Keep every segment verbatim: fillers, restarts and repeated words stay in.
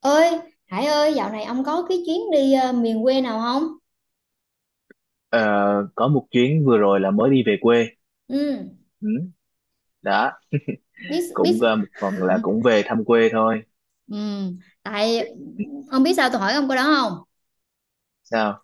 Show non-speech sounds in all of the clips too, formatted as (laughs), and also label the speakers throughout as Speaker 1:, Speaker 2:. Speaker 1: Ơi, Hải ơi, dạo này ông có cái chuyến đi ờ, miền quê nào không?
Speaker 2: Ờ, có một chuyến vừa rồi là mới đi về quê.
Speaker 1: Ừ,
Speaker 2: Ừ, đó.
Speaker 1: biết biết.
Speaker 2: Cũng ờ, một phần là cũng về thăm quê thôi.
Speaker 1: Ừ, tại ông biết sao tôi hỏi ông câu đó không?
Speaker 2: Sao?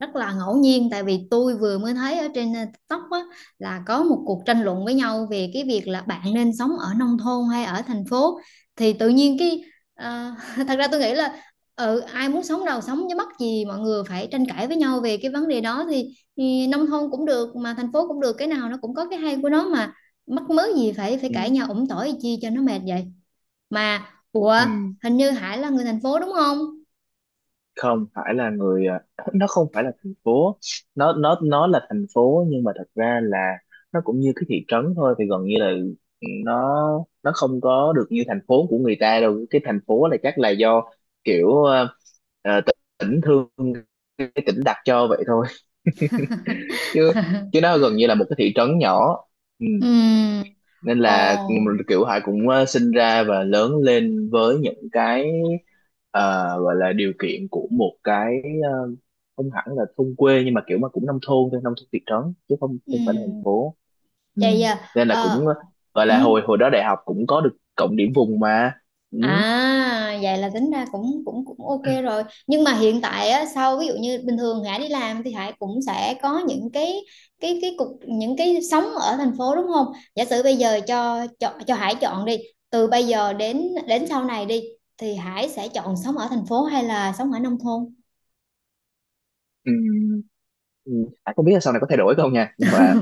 Speaker 1: Rất là ngẫu nhiên, tại vì tôi vừa mới thấy ở trên ờ, TikTok á, là có một cuộc tranh luận với nhau về cái việc là bạn nên sống ở nông thôn hay ở thành phố. Thì tự nhiên cái ờ, (laughs) thật ra tôi nghĩ là ừ, ai muốn sống đâu sống, chứ mắc gì mọi người phải tranh cãi với nhau về cái vấn đề đó. Thì, thì nông thôn cũng được mà thành phố cũng được, cái nào nó cũng có cái hay của nó mà. Mắc mớ gì phải phải
Speaker 2: Ừ,
Speaker 1: cãi nhau ủng tỏi chi cho nó mệt vậy mà. Ủa,
Speaker 2: ừ.
Speaker 1: hình như Hải là người thành phố đúng không?
Speaker 2: Không phải là người ờ, (laughs) nó không phải là thành phố. Nó nó nó là thành phố nhưng mà thật ra là nó cũng như cái thị trấn thôi, thì gần như là, ừ, nó nó không có được như thành phố của người ta đâu. Cái thành phố là chắc là do kiểu, ờ, ờ, tỉnh thương, cái tỉnh đặt cho vậy thôi, (laughs) chứ chứ nó gần như là một cái thị trấn nhỏ. Ừ.
Speaker 1: Ừ.
Speaker 2: Nên là
Speaker 1: Ồ.
Speaker 2: kiểu Hải cũng ờ, sinh ra và lớn lên với những cái, ờ, gọi là điều kiện của một cái, ờ, không hẳn là thôn quê nhưng mà kiểu mà cũng nông thôn thôi, nông thôn thị trấn chứ không
Speaker 1: Ừ.
Speaker 2: không phải là thành phố. Ừ.
Speaker 1: Vậy giờ
Speaker 2: Nên là cũng,
Speaker 1: ờ
Speaker 2: ờ, gọi
Speaker 1: ừ.
Speaker 2: là hồi hồi đó đại học cũng có được cộng điểm vùng mà. Ừ.
Speaker 1: À, vậy là tính ra cũng cũng cũng ok rồi, nhưng mà hiện tại á, sau ví dụ như bình thường Hải đi làm thì Hải cũng sẽ có những cái cái cái cục, những cái sống ở thành phố đúng không? Giả sử bây giờ cho cho cho Hải chọn đi, từ bây giờ đến đến sau này đi, thì Hải sẽ chọn sống ở thành phố hay là sống ở nông thôn?
Speaker 2: Ừ. Ừ. À, không biết là sau này có thay đổi không nha, nhưng mà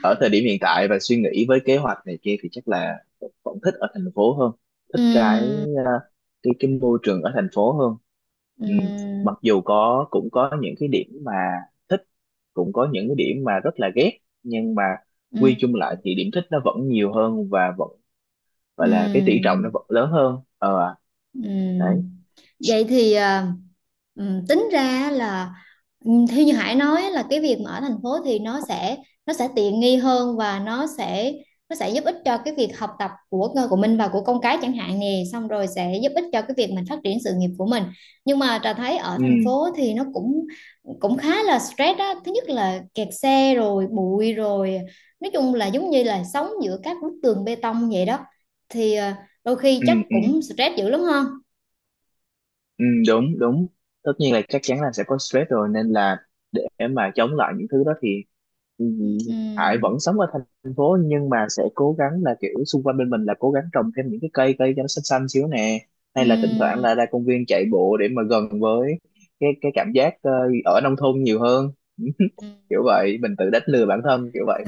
Speaker 2: ở thời điểm hiện tại và suy nghĩ với kế hoạch này kia thì chắc là vẫn thích ở thành phố hơn. Thích cái,
Speaker 1: Ừm,
Speaker 2: à, cái cái môi trường ở thành phố hơn. Ừ.
Speaker 1: ừm,
Speaker 2: Mặc dù có cũng có những cái điểm mà thích, cũng có những cái điểm mà rất là ghét, nhưng mà quy
Speaker 1: ừm,
Speaker 2: chung lại thì điểm thích nó vẫn nhiều hơn và vẫn gọi là cái tỷ trọng nó
Speaker 1: ừm.
Speaker 2: vẫn lớn hơn. ờ Đấy.
Speaker 1: Ừm, Vậy thì à, ừm, tính ra là ừm, theo như Hải nói là cái việc mà ở thành phố thì nó sẽ nó sẽ tiện nghi hơn, và nó sẽ nó sẽ giúp ích cho cái việc học tập của của mình và của con cái chẳng hạn nè, xong rồi sẽ giúp ích cho cái việc mình phát triển sự nghiệp của mình. Nhưng mà Trà thấy ở
Speaker 2: Ừ.
Speaker 1: thành phố thì nó cũng cũng khá là stress á, thứ nhất là kẹt xe rồi bụi rồi, nói chung là giống như là sống giữa các bức tường bê tông vậy đó. Thì ờ, đôi khi
Speaker 2: Ừ.
Speaker 1: chắc
Speaker 2: Ừ.
Speaker 1: cũng stress dữ lắm không?
Speaker 2: Ừ, đúng đúng. Tất nhiên là chắc chắn là sẽ có stress rồi, nên là để mà chống lại những thứ đó thì, ừ, Hải
Speaker 1: Ừm,
Speaker 2: vẫn sống ở thành phố nhưng mà sẽ cố gắng là kiểu xung quanh bên mình là cố gắng trồng thêm những cái cây cây cho nó xanh xanh xíu nè, hay là thỉnh thoảng
Speaker 1: ừm,
Speaker 2: là ra công viên chạy bộ để mà gần với cái cái cảm giác ờ, ở nông thôn nhiều hơn. (laughs)
Speaker 1: ừm.
Speaker 2: Kiểu vậy, mình tự đánh lừa bản thân kiểu vậy.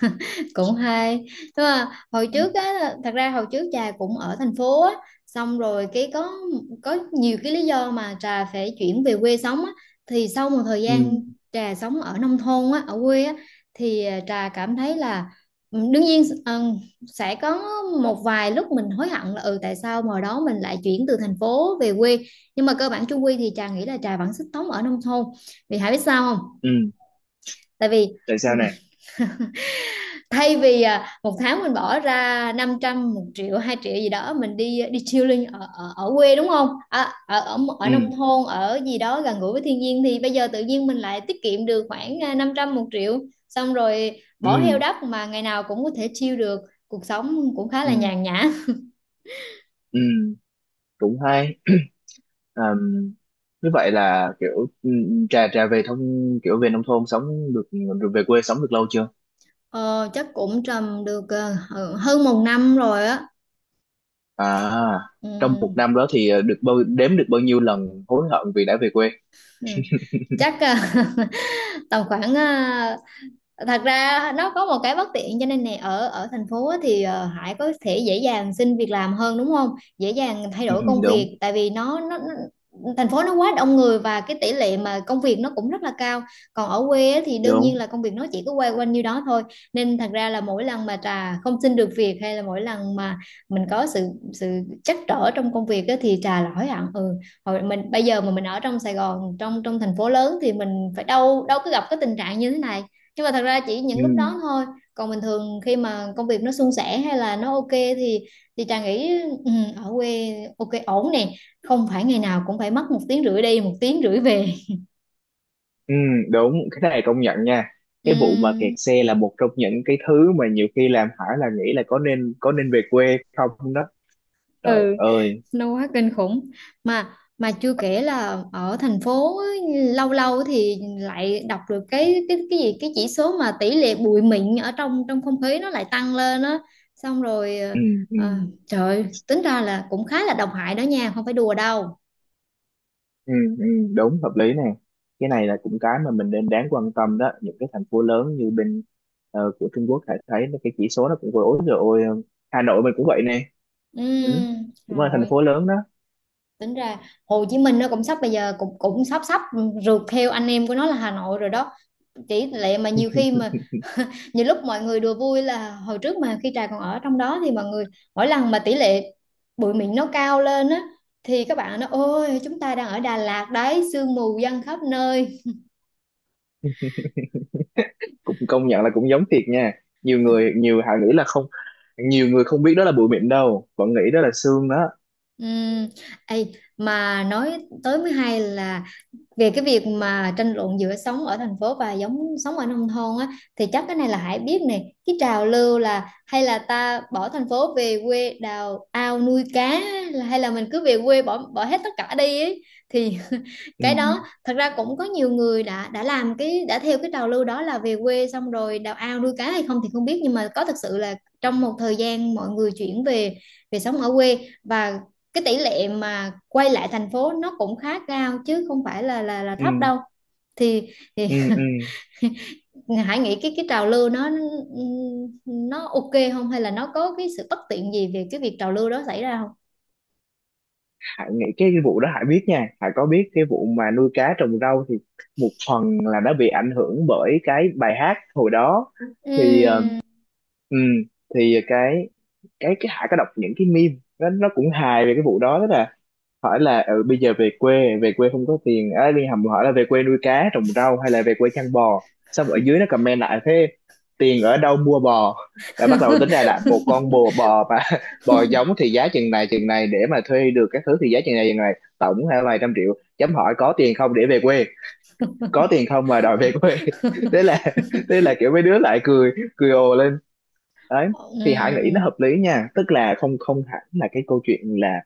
Speaker 1: (laughs) Cũng hay. Nhưng mà hồi
Speaker 2: Ừ,
Speaker 1: trước á, thật ra hồi trước trà cũng ở thành phố á, xong rồi cái có có nhiều cái lý do mà trà phải chuyển về quê sống á. Thì sau một thời
Speaker 2: ừ,
Speaker 1: gian trà sống ở nông thôn á, ở quê á, thì à, trà cảm thấy là ừ, đương nhiên ừ, sẽ có một vài lúc mình hối hận là ừ, tại sao hồi đó mình lại chuyển từ thành phố về quê. Nhưng mà cơ bản chung quy thì trà nghĩ là trà vẫn sức sống ở nông thôn. Vì hãy biết sao không?
Speaker 2: ừ.
Speaker 1: Tại vì
Speaker 2: Tại
Speaker 1: ừ,
Speaker 2: sao nè?
Speaker 1: thay vì à, một tháng mình bỏ ra năm trăm, một triệu, hai triệu gì đó mình đi đi chilling ở ở, ở quê đúng không, à, ở ở ở nông
Speaker 2: Ừ,
Speaker 1: thôn, ở gì đó gần gũi với thiên nhiên, thì bây giờ tự nhiên mình lại tiết kiệm được khoảng à, năm trăm, một triệu, xong rồi bỏ heo
Speaker 2: ừ,
Speaker 1: đất mà ngày nào cũng có thể chill được. Cuộc sống cũng khá là
Speaker 2: ừ,
Speaker 1: nhàn nhã.
Speaker 2: ừ. Cũng hay. Ờm, Như vậy là kiểu, ừm, trà trà về thông, kiểu về nông thôn sống được, về quê sống được lâu chưa?
Speaker 1: ờ, Chắc cũng trầm được ờ, ờ, hơn một năm rồi á.
Speaker 2: À, trong một
Speaker 1: Ừm,
Speaker 2: năm đó thì ờ, được bao đếm được bao nhiêu lần hối hận vì đã về quê?
Speaker 1: chắc ờ, (laughs) tầm khoảng à, thật ra nó có một cái bất tiện cho nên nè, ở ở thành phố á thì ờ, Hải có thể dễ dàng xin việc làm hơn đúng không? Dễ dàng thay
Speaker 2: Ừ,
Speaker 1: đổi công
Speaker 2: đúng
Speaker 1: việc, tại vì nó nó, nó thành phố nó quá đông người, và cái tỷ lệ mà công việc nó cũng rất là cao. Còn ở quê á thì đương nhiên
Speaker 2: đúng.
Speaker 1: là công việc nó chỉ cứ quay quanh như đó thôi. Nên thật ra là mỗi lần mà Trà không xin được việc, hay là mỗi lần mà mình có sự sự trắc trở trong công việc á, thì Trà là hối hận. Ừ, hồi mình bây giờ mà mình ở trong Sài Gòn, trong trong thành phố lớn, thì mình phải, đâu đâu có gặp cái tình trạng như thế này. Nhưng mà thật ra chỉ
Speaker 2: Ừ,
Speaker 1: những lúc đó thôi. Còn bình thường khi mà công việc nó suôn sẻ hay là nó ok, thì thì Trà nghĩ ừ, ở quê ok ổn nè, không phải ngày nào cũng phải mất một tiếng rưỡi đi, một tiếng rưỡi về.
Speaker 2: ừ, đúng. Cái này công nhận nha. Cái vụ mà kẹt
Speaker 1: Ừm,
Speaker 2: xe là một trong những cái thứ mà nhiều khi làm Hải là nghĩ là có nên có nên về quê không đó. Trời
Speaker 1: ừ,
Speaker 2: ơi.
Speaker 1: nó quá kinh khủng. Mà mà chưa kể là ở thành phố á, lâu lâu thì lại đọc được cái cái cái gì, cái chỉ số mà tỷ lệ bụi mịn ở trong trong không khí nó lại tăng lên á, xong rồi ờ,
Speaker 2: Ừ, ừ.
Speaker 1: ờ, trời ơi, tính ra là cũng khá là độc hại đó nha, không phải đùa đâu.
Speaker 2: Ừ, ừ, đúng, hợp lý nè. Cái này là cũng cái mà mình nên đáng quan tâm đó. Những cái thành phố lớn như bên ờ, của Trung Quốc hãy thấy là cái chỉ số nó cũng vừa ối rồi. Ôi, ờ, Hà Nội mình cũng vậy nè. Ừ.
Speaker 1: Ừm,
Speaker 2: Cũng
Speaker 1: Hà
Speaker 2: là thành
Speaker 1: Nội.
Speaker 2: phố lớn đó.
Speaker 1: Tính ra Hồ Chí Minh nó cũng sắp, bây giờ cũng cũng sắp sắp rượt theo anh em của nó là Hà Nội rồi đó. Chỉ lệ mà nhiều khi mà nhiều lúc mọi người đùa vui là, hồi trước mà khi Trà còn ở trong đó thì mọi người, mỗi lần mà tỷ lệ bụi mịn nó cao lên á, thì các bạn nó ôi chúng ta đang ở Đà Lạt đấy, sương mù giăng khắp nơi.
Speaker 2: Cũng công nhận là cũng giống thiệt nha. Nhiều người nhiều hà nghĩ là không, nhiều người không biết đó là bụi mịn đâu, vẫn nghĩ đó là sương đó.
Speaker 1: Ừm, ê, mà nói tới mới hay là, về cái việc mà tranh luận giữa sống ở thành phố và giống sống ở nông thôn á, thì chắc cái này là Hải biết này, cái trào lưu là hay là ta bỏ thành phố về quê đào ao nuôi cá á, là hay là mình cứ về quê bỏ bỏ hết tất cả đi ấy. Thì (laughs)
Speaker 2: Ừ,
Speaker 1: cái đó thật ra cũng có nhiều người đã đã làm cái, đã theo cái trào lưu đó là về quê xong rồi đào ao nuôi cá hay không thì không biết, nhưng mà có thật sự là trong một thời gian mọi người chuyển về về sống ở quê, và cái tỷ lệ mà quay lại thành phố nó cũng khá cao, chứ không phải là là là
Speaker 2: ừ,
Speaker 1: thấp đâu. Thì, thì
Speaker 2: ừ, ừ.
Speaker 1: (laughs) Hải nghĩ cái cái trào lưu nó nó ok không, hay là nó có cái sự bất tiện gì về cái việc trào lưu đó xảy ra không?
Speaker 2: Hải nghĩ cái, vụ đó Hải biết nha, Hải có biết cái vụ mà nuôi cá trồng rau thì một phần là đã bị ảnh hưởng bởi cái bài hát hồi đó. Thì ờ,
Speaker 1: Ừm.
Speaker 2: ừm, thì cái cái cái Hải có đọc những cái meme, nó nó cũng hài về cái vụ đó đó. Hỏi là, ừ, bây giờ về quê, về quê không có tiền á, liên hầm hỏi là về quê nuôi cá trồng rau hay là về quê chăn bò, xong ở dưới nó comment lại thế, tiền ở đâu mua bò. Là bắt đầu tính ra là một
Speaker 1: (laughs)
Speaker 2: con bò bò mà (laughs) bò giống thì giá chừng này chừng này, để mà thuê được các thứ thì giá chừng này chừng này, tổng là vài trăm triệu, chấm hỏi có tiền không để về quê, có tiền không mà đòi về quê? (laughs) thế là thế là kiểu mấy đứa lại cười cười ồ lên. Đấy. Thì Hải nghĩ nó
Speaker 1: Ừm,
Speaker 2: hợp lý nha, tức là không không hẳn là cái câu chuyện là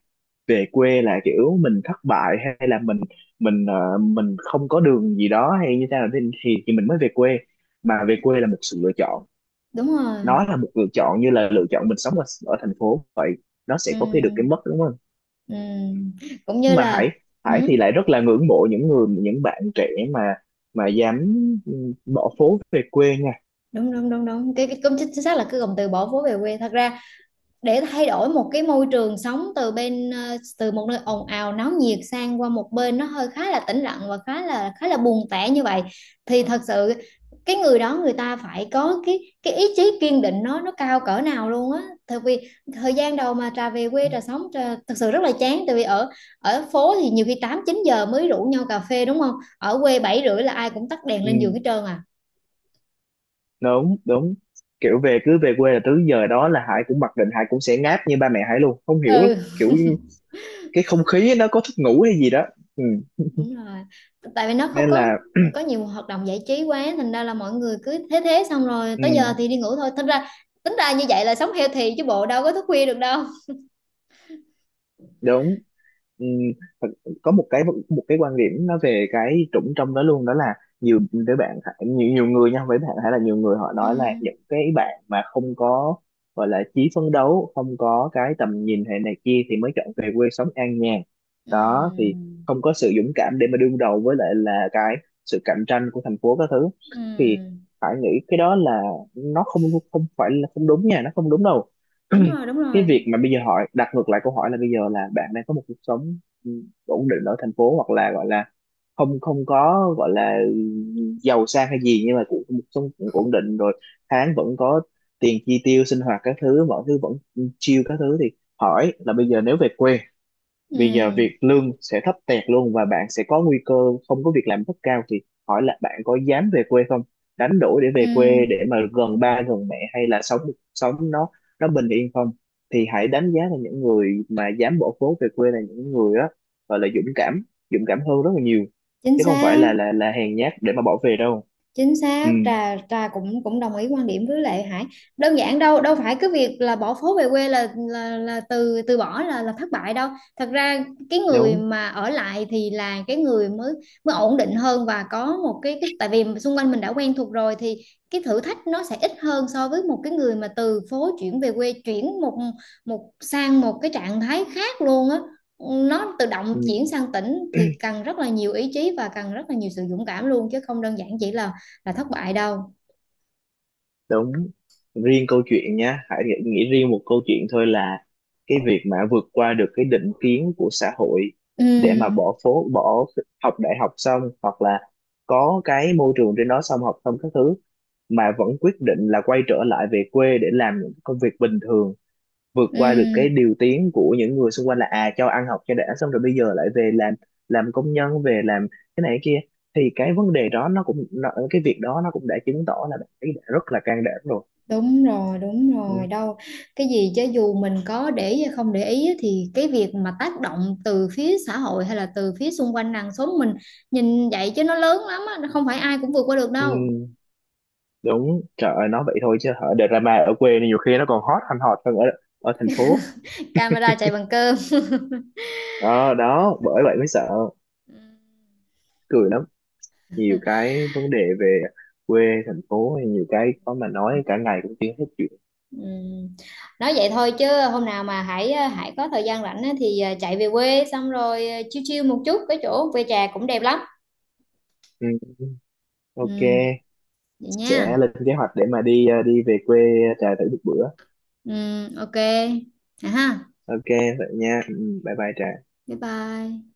Speaker 2: về quê là kiểu mình thất bại, hay là mình mình ờ, mình không có đường gì đó hay như thế nào thì, thì thì mình mới về quê, mà về quê là một sự lựa chọn.
Speaker 1: đúng rồi.
Speaker 2: Nó là một lựa chọn như là lựa chọn mình sống ở, ở thành phố vậy. Nó sẽ có cái được cái
Speaker 1: Ừm,
Speaker 2: mất, đúng không?
Speaker 1: ừm. Cũng như
Speaker 2: Nhưng mà Hải
Speaker 1: là
Speaker 2: Hải thì
Speaker 1: ừm,
Speaker 2: lại rất là ngưỡng mộ những người, những bạn trẻ mà mà dám, ừ, bỏ phố về quê nha.
Speaker 1: đúng đúng đúng đúng, cái, cái cũng chính chính xác là cái cụm từ bỏ phố về quê. Thật ra, để thay đổi một cái môi trường sống, từ bên ờ, từ một nơi ồn ào náo nhiệt sang qua một bên nó hơi khá là tĩnh lặng và khá là khá là buồn tẻ như vậy, thì thật sự cái người đó, người ta phải có cái cái ý chí kiên định nó nó cao cỡ nào luôn á, tại vì thời gian đầu mà trà về quê, trà sống trà, thật sự rất là chán. Tại vì ở ở phố thì nhiều khi tám chín giờ mới rủ nhau cà phê đúng không, ở quê bảy rưỡi là ai cũng tắt đèn lên giường
Speaker 2: Ừ,
Speaker 1: hết trơn à.
Speaker 2: đúng đúng. Kiểu về, cứ về quê là tới giờ đó là Hải cũng mặc định Hải cũng sẽ ngáp như ba mẹ Hải luôn, không hiểu
Speaker 1: Ừ,
Speaker 2: kiểu cái không khí nó có thức ngủ hay gì đó. Ừ.
Speaker 1: đúng rồi. Tại vì nó không
Speaker 2: Nên
Speaker 1: có
Speaker 2: là,
Speaker 1: có nhiều hoạt động giải trí quá, thành ra là mọi người cứ thế thế xong rồi
Speaker 2: ừ.
Speaker 1: tới giờ thì đi ngủ thôi. Thành ra tính ra như vậy là sống healthy chứ bộ, đâu có thức khuya được đâu.
Speaker 2: Đúng. Ừm, thật- có một cái một cái quan điểm nó về cái trũng trong đó luôn, đó là nhiều đứa bạn, nhiều nhiều người nha, với bạn hay là nhiều người họ
Speaker 1: Ừ.
Speaker 2: nói là những cái bạn mà không có gọi là chí phấn đấu, không có cái tầm nhìn hệ này kia thì mới chọn về quê sống an nhàn
Speaker 1: Ừ.
Speaker 2: đó. Thì không có sự dũng cảm để mà đương đầu với lại là cái sự cạnh tranh của thành phố các thứ. Thì
Speaker 1: Ừ.
Speaker 2: phải nghĩ cái đó là nó không không phải là không đúng nha, nó không đúng đâu.
Speaker 1: Đúng rồi, đúng
Speaker 2: (clears throat) Cái
Speaker 1: rồi.
Speaker 2: việc mà bây giờ hỏi đặt ngược lại câu hỏi là, bây giờ là bạn đang có một cuộc sống, ừ, ổn định ở thành phố, hoặc là gọi là không không có gọi là giàu sang hay gì, nhưng mà cũng một cuộc sống cũng ổn định rồi, tháng vẫn có tiền chi tiêu sinh hoạt các thứ, mọi thứ vẫn chill các thứ. Thì hỏi là, bây giờ nếu về quê,
Speaker 1: Ừ.
Speaker 2: bây giờ việc lương sẽ thấp tẹt luôn và bạn sẽ có nguy cơ không có việc làm rất cao, thì hỏi là bạn có dám về quê không, đánh đổi để
Speaker 1: Ừ.
Speaker 2: về quê để mà gần ba gần mẹ hay là sống sống nó nó bình yên không? Thì hãy đánh giá là những người mà dám bỏ phố về quê là những người đó gọi là dũng cảm, dũng cảm hơn rất là nhiều,
Speaker 1: Chính
Speaker 2: chứ không phải
Speaker 1: xác.
Speaker 2: là là là hèn nhát để mà bỏ về đâu.
Speaker 1: Chính
Speaker 2: Ừ,
Speaker 1: xác, trà trà cũng cũng đồng ý quan điểm với Lệ Hải. Đơn giản, đâu đâu phải cái việc là bỏ phố về quê là, là, là từ từ bỏ, là là thất bại đâu. Thật ra cái người
Speaker 2: đúng.
Speaker 1: mà ở lại thì là cái người mới mới ổn định hơn, và có một cái, cái tại vì xung quanh mình đã quen thuộc rồi, thì cái thử thách nó sẽ ít hơn so với một cái người mà từ phố chuyển về quê, chuyển một một sang một cái trạng thái khác luôn á, nó tự động chuyển sang tỉnh,
Speaker 2: Ừ.
Speaker 1: thì cần rất là nhiều ý chí và cần rất là nhiều sự dũng cảm luôn, chứ không đơn giản chỉ là là thất bại đâu.
Speaker 2: Đúng. Riêng câu chuyện nhá, hãy nghĩ nghĩ riêng một câu chuyện thôi là cái việc mà vượt qua được cái định kiến của xã hội để mà
Speaker 1: Ừ,
Speaker 2: bỏ phố, bỏ học đại học xong, hoặc là có cái môi trường trên đó xong học xong các thứ, mà vẫn quyết định là quay trở lại về quê để làm những công việc bình thường, vượt
Speaker 1: ừ,
Speaker 2: qua được cái điều tiếng của những người xung quanh là, à, cho ăn học cho đã xong rồi bây giờ lại về làm làm công nhân, về làm cái này cái kia. Thì cái vấn đề đó nó cũng nó, cái việc đó nó cũng đã chứng tỏ là bạn ấy đã rất là can đảm rồi.
Speaker 1: đúng rồi, đúng rồi
Speaker 2: Ừ,
Speaker 1: đâu, cái gì chứ dù mình có để ý hay không để ý á, thì cái việc mà tác động từ phía xã hội hay là từ phía xung quanh nàng xóm mình, nhìn vậy chứ nó lớn lắm á, nó không phải ai cũng vượt qua được
Speaker 2: ừ,
Speaker 1: đâu.
Speaker 2: đúng. Trời ơi, nói vậy thôi chứ ở drama ở quê nhiều khi nó còn hot hơn hot hơn ở ở thành phố.
Speaker 1: Camera chạy bằng cơm. (laughs)
Speaker 2: Đó đó, bởi vậy mới sợ,
Speaker 1: Ừ.
Speaker 2: cười lắm. Nhiều cái vấn đề về quê, thành phố, nhiều cái có mà nói cả ngày cũng chưa hết chuyện.
Speaker 1: Ừ. Nói vậy thôi chứ, hôm nào mà Hải ờ, Hải có thời gian rảnh á, thì ờ, chạy về quê xong rồi ờ, chill chill một chút, cái chỗ quê trà cũng đẹp lắm.
Speaker 2: Ừ, ừ, ok.
Speaker 1: Ừ, vậy
Speaker 2: Sẽ
Speaker 1: nha.
Speaker 2: lên kế hoạch để mà đi, ờ, đi về quê, ờ, trà thử một bữa.
Speaker 1: Ừ, ok. À ha.
Speaker 2: Ok vậy nha. Ừ, bye bye trà.
Speaker 1: Bye bye.